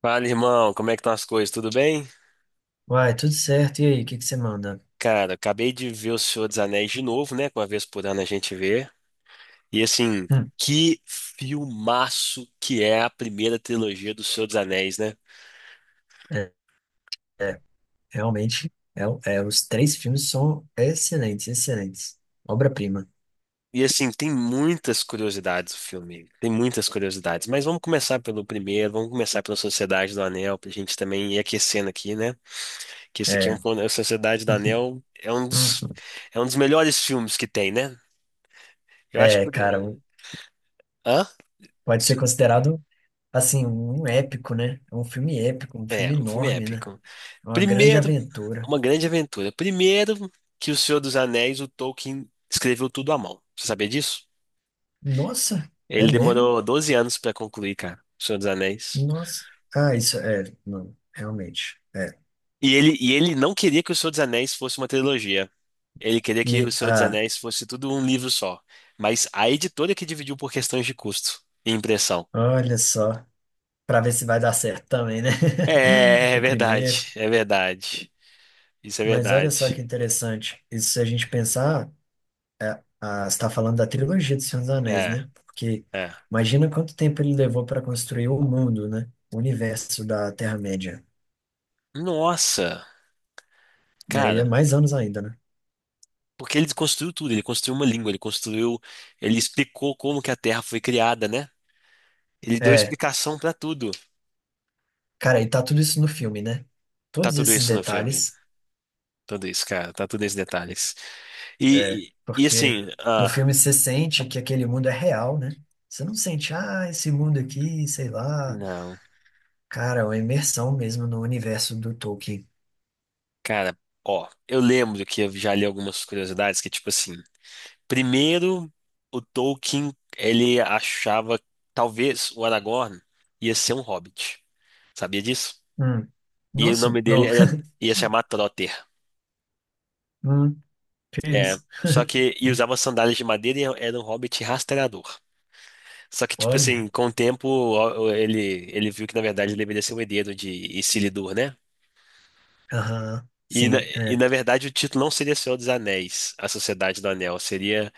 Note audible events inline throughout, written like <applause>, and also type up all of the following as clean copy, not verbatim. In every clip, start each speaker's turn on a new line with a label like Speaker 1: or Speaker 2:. Speaker 1: Fala, irmão, como é que estão as coisas? Tudo bem?
Speaker 2: Uai, tudo certo. E aí, o que que você manda?
Speaker 1: Cara, acabei de ver O Senhor dos Anéis de novo, né? que uma vez por ano a gente vê. E assim,
Speaker 2: Hum.
Speaker 1: que filmaço que é a primeira trilogia do Senhor dos Anéis, né?
Speaker 2: É, é, realmente, é, é, os três filmes são excelentes, excelentes. Obra-prima.
Speaker 1: E assim, tem muitas curiosidades o filme, tem muitas curiosidades. Mas vamos começar pelo primeiro, vamos começar pela Sociedade do Anel, pra gente também ir aquecendo aqui, né? Que esse aqui
Speaker 2: É.
Speaker 1: a Sociedade do
Speaker 2: <laughs>
Speaker 1: Anel é um
Speaker 2: Uhum.
Speaker 1: dos,
Speaker 2: Uhum.
Speaker 1: é um dos melhores filmes que tem, né? Eu acho que.
Speaker 2: É, cara,
Speaker 1: eh, Hã?
Speaker 2: pode ser considerado, assim, um épico, né? É um filme épico, um
Speaker 1: É,
Speaker 2: filme
Speaker 1: um filme
Speaker 2: enorme, né?
Speaker 1: épico.
Speaker 2: É uma grande
Speaker 1: Primeiro,
Speaker 2: aventura.
Speaker 1: uma grande aventura. Primeiro, que O Senhor dos Anéis, o Tolkien escreveu tudo à mão. Você sabia disso?
Speaker 2: Nossa, é
Speaker 1: Ele
Speaker 2: mesmo?
Speaker 1: demorou 12 anos pra concluir, cara, O Senhor dos Anéis.
Speaker 2: Nossa. Ah, isso é, não, realmente, é.
Speaker 1: E ele não queria que O Senhor dos Anéis fosse uma trilogia. Ele queria que O
Speaker 2: E,
Speaker 1: Senhor dos
Speaker 2: ah,
Speaker 1: Anéis fosse tudo um livro só. Mas a editora que dividiu por questões de custo e impressão.
Speaker 2: olha só, pra ver se vai dar certo também, né? <laughs>
Speaker 1: É, é
Speaker 2: O
Speaker 1: verdade,
Speaker 2: primeiro.
Speaker 1: é verdade. Isso é
Speaker 2: Mas olha só que
Speaker 1: verdade.
Speaker 2: interessante. Isso se a gente pensar, ah, você está falando da trilogia do Senhor dos Anéis,
Speaker 1: É,
Speaker 2: né? Porque
Speaker 1: é.
Speaker 2: imagina quanto tempo ele levou para construir o mundo, né? O universo da Terra-média.
Speaker 1: Nossa,
Speaker 2: E aí é
Speaker 1: cara.
Speaker 2: mais anos ainda, né?
Speaker 1: Porque ele construiu tudo, ele construiu uma língua, ele construiu, ele explicou como que a Terra foi criada, né? Ele deu
Speaker 2: É,
Speaker 1: explicação pra tudo.
Speaker 2: cara, e tá tudo isso no filme, né?
Speaker 1: Tá
Speaker 2: Todos
Speaker 1: tudo
Speaker 2: esses
Speaker 1: isso no filme,
Speaker 2: detalhes,
Speaker 1: tudo isso, cara, tá tudo esses detalhes.
Speaker 2: é,
Speaker 1: E, e, e
Speaker 2: porque
Speaker 1: assim,
Speaker 2: no
Speaker 1: ah,
Speaker 2: filme você sente que aquele mundo é real, né? Você não sente, ah, esse mundo aqui, sei lá.
Speaker 1: não,
Speaker 2: Cara, é uma imersão mesmo no universo do Tolkien.
Speaker 1: cara, ó, eu lembro que eu, já li algumas curiosidades que tipo assim, primeiro o Tolkien ele achava que talvez o Aragorn ia ser um hobbit, sabia disso?
Speaker 2: Hum.
Speaker 1: E o
Speaker 2: Nossa,
Speaker 1: nome dele
Speaker 2: não.
Speaker 1: era
Speaker 2: <laughs>
Speaker 1: ia se chamar Trotter.
Speaker 2: Hum. Que
Speaker 1: É,
Speaker 2: isso?
Speaker 1: só que e
Speaker 2: <laughs>
Speaker 1: usava sandálias de madeira e era um hobbit rastreador. Só que tipo assim,
Speaker 2: Olha,
Speaker 1: com o tempo ó, ele viu que na verdade ele deveria ser o herdeiro de Isildur, né?
Speaker 2: aham,
Speaker 1: E na,
Speaker 2: sim,
Speaker 1: e
Speaker 2: é.
Speaker 1: na verdade o título não seria Senhor dos Anéis, A Sociedade do Anel, seria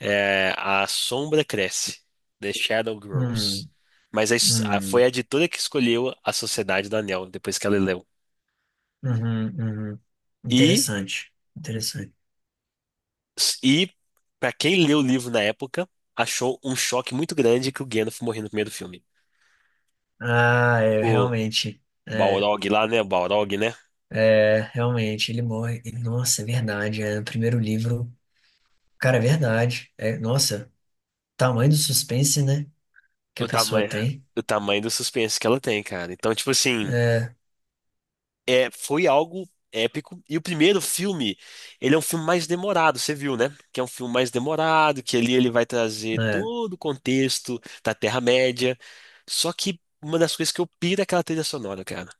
Speaker 1: é, A Sombra Cresce, The Shadow Grows.
Speaker 2: Hum,
Speaker 1: Mas foi
Speaker 2: hum,
Speaker 1: a editora que escolheu A Sociedade do Anel depois que ela leu.
Speaker 2: uhum, uhum.
Speaker 1: E
Speaker 2: Interessante, interessante.
Speaker 1: e para quem leu o livro na época, achou um choque muito grande que o Gandalf morreu no primeiro filme.
Speaker 2: Ah, é, realmente, é,
Speaker 1: Balrog lá, né? Balrog, né?
Speaker 2: é, realmente, ele morre. Nossa, é verdade, é, no primeiro livro, cara, é verdade. É, nossa, tamanho do suspense, né, que a
Speaker 1: O
Speaker 2: pessoa
Speaker 1: tamanho,
Speaker 2: tem.
Speaker 1: o tamanho do suspense que ela tem, cara. Então, tipo assim,
Speaker 2: É,
Speaker 1: é, foi algo épico. E o primeiro filme, ele é um filme mais demorado, você viu, né? Que é um filme mais demorado, que ali ele vai trazer
Speaker 2: é,
Speaker 1: todo o contexto da Terra-média. Só que uma das coisas que eu piro é aquela trilha sonora, cara.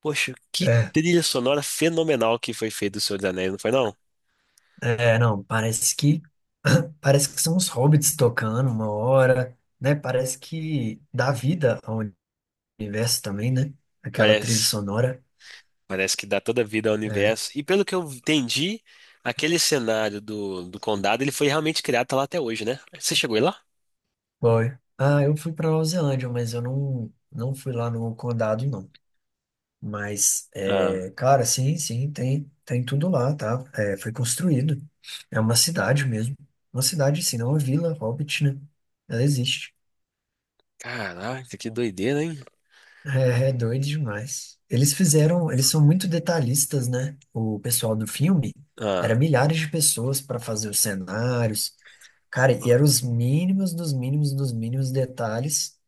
Speaker 1: Poxa, que
Speaker 2: é,
Speaker 1: trilha sonora fenomenal que foi feita do Senhor dos Anéis, não foi não?
Speaker 2: é, é, não, parece que, <coughs> <clears throat> parece que são os hobbits tocando uma hora, né, parece que dá vida a um universo também, né? Aquela trilha
Speaker 1: Parece.
Speaker 2: sonora.
Speaker 1: Parece que dá toda vida ao
Speaker 2: É.
Speaker 1: universo. E pelo que eu entendi, aquele cenário do condado, ele foi realmente criado, tá lá até hoje, né? Você chegou aí lá?
Speaker 2: Foi. Ah, eu fui pra Nova Zelândia, mas eu não fui lá no condado, não. Mas,
Speaker 1: Ah,
Speaker 2: é, cara, sim, sim, tem tudo lá, tá? É, foi construído. É uma cidade mesmo. Uma cidade, sim, não é uma vila, Hobbit, né? Ela existe.
Speaker 1: caraca, que doideira, hein?
Speaker 2: É, é doido demais. Eles fizeram, eles são muito detalhistas, né? O pessoal do filme
Speaker 1: Ah,
Speaker 2: era milhares de pessoas para fazer os cenários. Cara, e eram os mínimos dos mínimos dos mínimos detalhes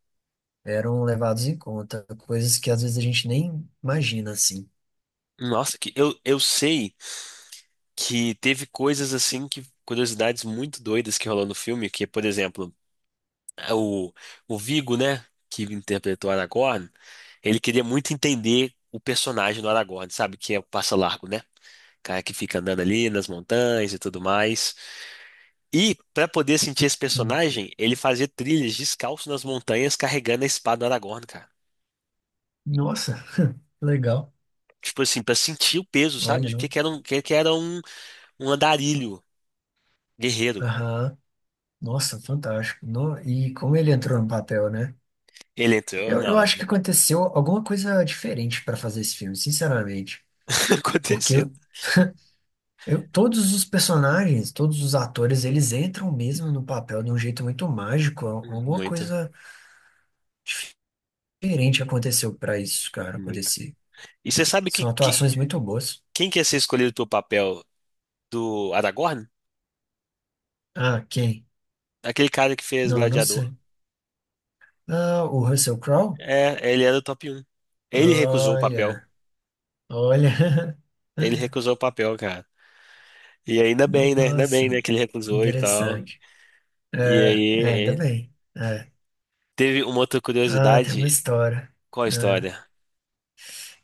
Speaker 2: eram levados em conta, coisas que às vezes a gente nem imagina assim.
Speaker 1: nossa, que eu sei que teve coisas assim que curiosidades muito doidas que rolou no filme, que, por exemplo, é o Viggo, né, que interpretou Aragorn, ele queria muito entender o personagem do Aragorn, sabe, que é o Passa Largo, né? Cara que fica andando ali nas montanhas e tudo mais. E, para poder sentir esse
Speaker 2: Hum.
Speaker 1: personagem, ele fazia trilhas descalço nas montanhas carregando a espada do Aragorn, cara.
Speaker 2: Nossa, legal.
Speaker 1: Tipo assim, para sentir o peso, sabe?
Speaker 2: Olha,
Speaker 1: De
Speaker 2: não.
Speaker 1: que era um, que era um andarilho guerreiro.
Speaker 2: Aham. Nossa, fantástico. E como ele entrou no papel, né?
Speaker 1: Ele entrou,
Speaker 2: Eu,
Speaker 1: não,
Speaker 2: eu
Speaker 1: é.
Speaker 2: acho que aconteceu alguma coisa diferente para fazer esse filme, sinceramente.
Speaker 1: <laughs>
Speaker 2: Porque
Speaker 1: Aconteceu.
Speaker 2: Todos os personagens, todos os atores, eles entram mesmo no papel de um jeito muito mágico. Alguma
Speaker 1: Muito,
Speaker 2: coisa diferente aconteceu pra isso, cara,
Speaker 1: muito.
Speaker 2: acontecer.
Speaker 1: E você sabe
Speaker 2: São
Speaker 1: que
Speaker 2: atuações muito boas.
Speaker 1: quem que ia ser escolhido pro papel do Aragorn?
Speaker 2: Ah, quem?
Speaker 1: Aquele cara que fez
Speaker 2: Não, não
Speaker 1: Gladiador.
Speaker 2: sei. Ah, o Russell Crowe?
Speaker 1: É, ele era o top um. Ele recusou o papel.
Speaker 2: Olha, olha.
Speaker 1: Ele
Speaker 2: <laughs>
Speaker 1: recusou o papel, cara. E ainda bem, né? Ainda bem, né,
Speaker 2: Nossa,
Speaker 1: que ele recusou e tal.
Speaker 2: interessante.
Speaker 1: E
Speaker 2: É, é, ainda
Speaker 1: aí,
Speaker 2: bem. É.
Speaker 1: teve uma outra
Speaker 2: Ah, tem uma
Speaker 1: curiosidade.
Speaker 2: história.
Speaker 1: Qual a
Speaker 2: É.
Speaker 1: história?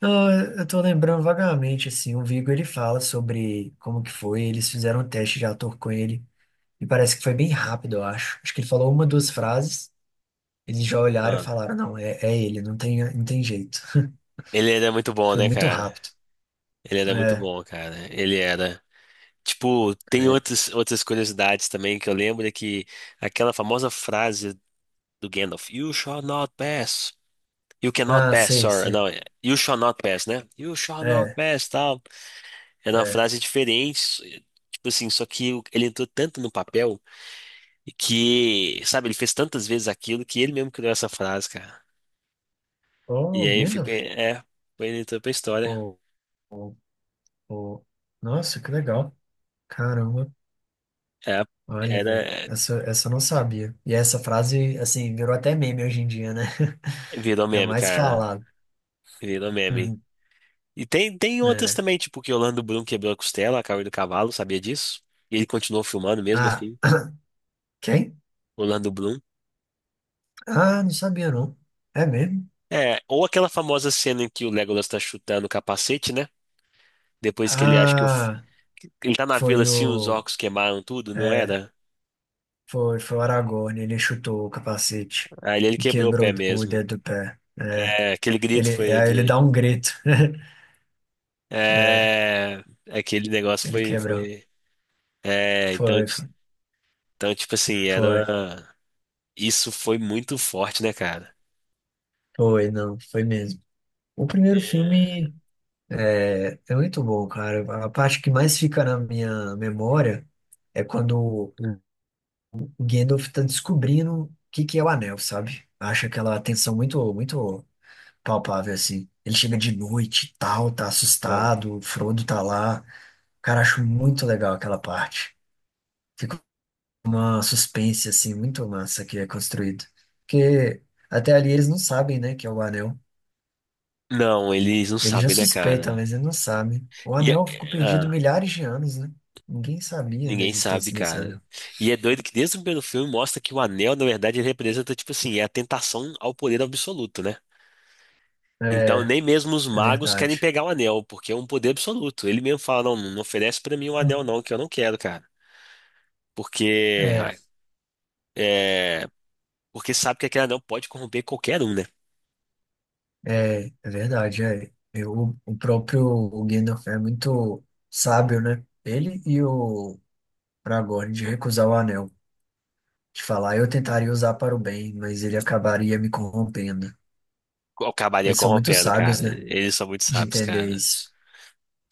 Speaker 2: Não, eu tô lembrando vagamente, assim, o Viggo, ele fala sobre como que foi, eles fizeram um teste de ator com ele, e parece que foi bem rápido, eu acho. Acho que ele falou uma, duas frases, eles já olharam e
Speaker 1: Ah,
Speaker 2: falaram, não, é, é ele, não tem, não tem jeito.
Speaker 1: ele era muito bom,
Speaker 2: Foi
Speaker 1: né,
Speaker 2: muito
Speaker 1: cara?
Speaker 2: rápido.
Speaker 1: Ele era muito
Speaker 2: É,
Speaker 1: bom, cara. Ele era. Tipo, tem
Speaker 2: é.
Speaker 1: outras curiosidades também que eu lembro é que aquela famosa frase do Gandalf, You shall not pass. You cannot
Speaker 2: Ah,
Speaker 1: pass,
Speaker 2: sei,
Speaker 1: sorry.
Speaker 2: sei.
Speaker 1: Não, é, you shall not pass, né? You shall not
Speaker 2: É,
Speaker 1: pass, tal. Era uma
Speaker 2: é.
Speaker 1: frase diferente. Tipo assim, só que ele entrou tanto no papel e que, sabe, ele fez tantas vezes aquilo que ele mesmo criou essa frase, e
Speaker 2: Oh,
Speaker 1: aí fica,
Speaker 2: Gandalf.
Speaker 1: é, foi ele entrou pra história.
Speaker 2: Oh, oh. Nossa, que legal. Caramba.
Speaker 1: É,
Speaker 2: Olha, velho,
Speaker 1: era,
Speaker 2: essa eu não sabia. E essa frase, assim, virou até meme hoje em dia, né? <laughs>
Speaker 1: virou
Speaker 2: É
Speaker 1: meme,
Speaker 2: mais
Speaker 1: cara.
Speaker 2: falado.
Speaker 1: Virou meme.
Speaker 2: Uhum.
Speaker 1: E tem outras
Speaker 2: É.
Speaker 1: também, tipo que o Orlando Bloom quebrou a costela, caiu do cavalo, sabia disso? E ele continuou filmando mesmo
Speaker 2: Ah,
Speaker 1: assim,
Speaker 2: <clears throat> quem?
Speaker 1: o Orlando Bloom.
Speaker 2: Ah, não sabia não. É mesmo?
Speaker 1: É, ou aquela famosa cena em que o Legolas tá chutando o capacete, né? Depois que ele acha que
Speaker 2: Ah,
Speaker 1: ele tá na vila
Speaker 2: foi
Speaker 1: assim, os
Speaker 2: o.
Speaker 1: orcos queimaram tudo, não
Speaker 2: É,
Speaker 1: era?
Speaker 2: foi o Aragorn, ele chutou o capacete
Speaker 1: Aí ele
Speaker 2: e
Speaker 1: quebrou o
Speaker 2: quebrou
Speaker 1: pé
Speaker 2: o
Speaker 1: mesmo.
Speaker 2: dedo do pé. É,
Speaker 1: É, aquele grito
Speaker 2: ele,
Speaker 1: foi
Speaker 2: é, ele dá
Speaker 1: de.
Speaker 2: um grito. <laughs> É,
Speaker 1: É, aquele negócio
Speaker 2: ele
Speaker 1: foi,
Speaker 2: quebrou.
Speaker 1: foi. É, então,
Speaker 2: Foi, foi,
Speaker 1: então, tipo assim,
Speaker 2: foi,
Speaker 1: era. Isso foi muito forte, né, cara?
Speaker 2: foi, não, foi mesmo. O primeiro
Speaker 1: É.
Speaker 2: filme é muito bom, cara. A parte que mais fica na minha memória é quando o Gandalf tá descobrindo o que que é o anel, sabe? Acha aquela tensão muito, muito palpável, assim. Ele chega de noite e tal, tá
Speaker 1: Ah.
Speaker 2: assustado, o Frodo tá lá. Cara, acho muito legal aquela parte. Fica uma suspense, assim, muito massa que é construído. Porque até ali eles não sabem, né, que é o anel.
Speaker 1: Não, eles não
Speaker 2: Ele já
Speaker 1: sabem, né,
Speaker 2: suspeita,
Speaker 1: cara?
Speaker 2: mas ele não sabe. O
Speaker 1: E,
Speaker 2: anel ficou
Speaker 1: é-
Speaker 2: perdido
Speaker 1: ah,
Speaker 2: milhares de anos, né? Ninguém sabia da
Speaker 1: ninguém sabe,
Speaker 2: existência desse anel.
Speaker 1: cara. E é doido que desde o primeiro filme mostra que o anel, na verdade, ele representa, tipo assim, é a tentação ao poder absoluto, né?
Speaker 2: É,
Speaker 1: Então, nem mesmo os
Speaker 2: é
Speaker 1: magos querem
Speaker 2: verdade.
Speaker 1: pegar o anel, porque é um poder absoluto. Ele mesmo fala: não, não oferece pra mim o anel, não, que eu não quero, cara. Porque.
Speaker 2: É.
Speaker 1: É, porque sabe que aquele anel pode corromper qualquer um, né?
Speaker 2: É, é verdade, é. O próprio Gandalf é muito sábio, né? Ele e o Aragorn de recusar o anel, de falar, eu tentaria usar para o bem, mas ele acabaria me corrompendo.
Speaker 1: Acabaria
Speaker 2: Eles são muito
Speaker 1: corrompendo,
Speaker 2: sábios,
Speaker 1: cara.
Speaker 2: né?
Speaker 1: Eles são muito
Speaker 2: De
Speaker 1: sábios,
Speaker 2: entender
Speaker 1: cara.
Speaker 2: isso.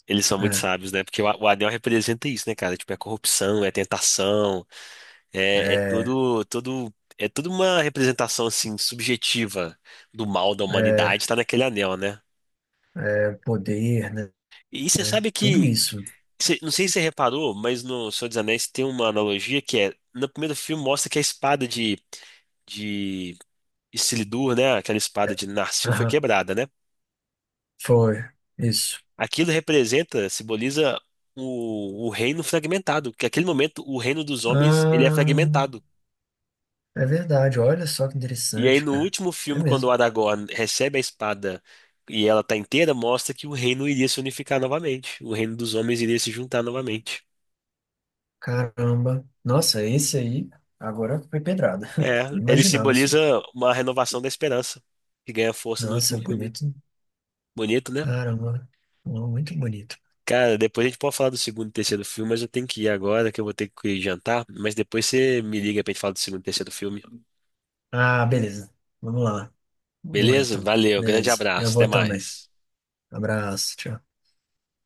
Speaker 1: Eles são muito
Speaker 2: É,
Speaker 1: sábios, né? Porque o anel representa isso, né, cara? Tipo, é corrupção, é tentação, é
Speaker 2: é,
Speaker 1: todo, todo, é toda uma representação, assim, subjetiva do mal da
Speaker 2: é,
Speaker 1: humanidade, tá naquele anel, né?
Speaker 2: é poder, né?
Speaker 1: E você
Speaker 2: É,
Speaker 1: sabe
Speaker 2: tudo
Speaker 1: que,
Speaker 2: isso.
Speaker 1: não sei se você reparou, mas no Senhor dos Anéis tem uma analogia que é, no primeiro filme mostra que a espada de, Isildur, né? Aquela espada
Speaker 2: É,
Speaker 1: de Narsil foi
Speaker 2: aham,
Speaker 1: quebrada, né?
Speaker 2: foi. Isso.
Speaker 1: Aquilo representa, simboliza o reino fragmentado, que naquele momento o reino dos homens ele é
Speaker 2: Ah,
Speaker 1: fragmentado.
Speaker 2: é verdade, olha só que
Speaker 1: E aí
Speaker 2: interessante,
Speaker 1: no
Speaker 2: cara.
Speaker 1: último
Speaker 2: É
Speaker 1: filme, quando o
Speaker 2: mesmo.
Speaker 1: Aragorn recebe a espada e ela tá inteira, mostra que o reino iria se unificar novamente, o reino dos homens iria se juntar novamente.
Speaker 2: Caramba. Nossa, esse aí agora foi pedrada.
Speaker 1: É,
Speaker 2: <laughs> Não
Speaker 1: ele
Speaker 2: imaginava
Speaker 1: simboliza
Speaker 2: isso.
Speaker 1: uma renovação da esperança, que ganha força no
Speaker 2: Nossa,
Speaker 1: último
Speaker 2: é
Speaker 1: filme.
Speaker 2: bonito.
Speaker 1: Bonito, né?
Speaker 2: Caramba. Muito bonito.
Speaker 1: Cara, depois a gente pode falar do segundo e terceiro filme, mas eu tenho que ir agora, que eu vou ter que ir jantar. Mas depois você me liga pra gente falar do segundo e terceiro filme.
Speaker 2: Ah, beleza. Vamos lá. Vamos lá,
Speaker 1: Beleza?
Speaker 2: então.
Speaker 1: Valeu, grande
Speaker 2: Beleza. Eu
Speaker 1: abraço, até
Speaker 2: vou também.
Speaker 1: mais.
Speaker 2: Abraço. Tchau.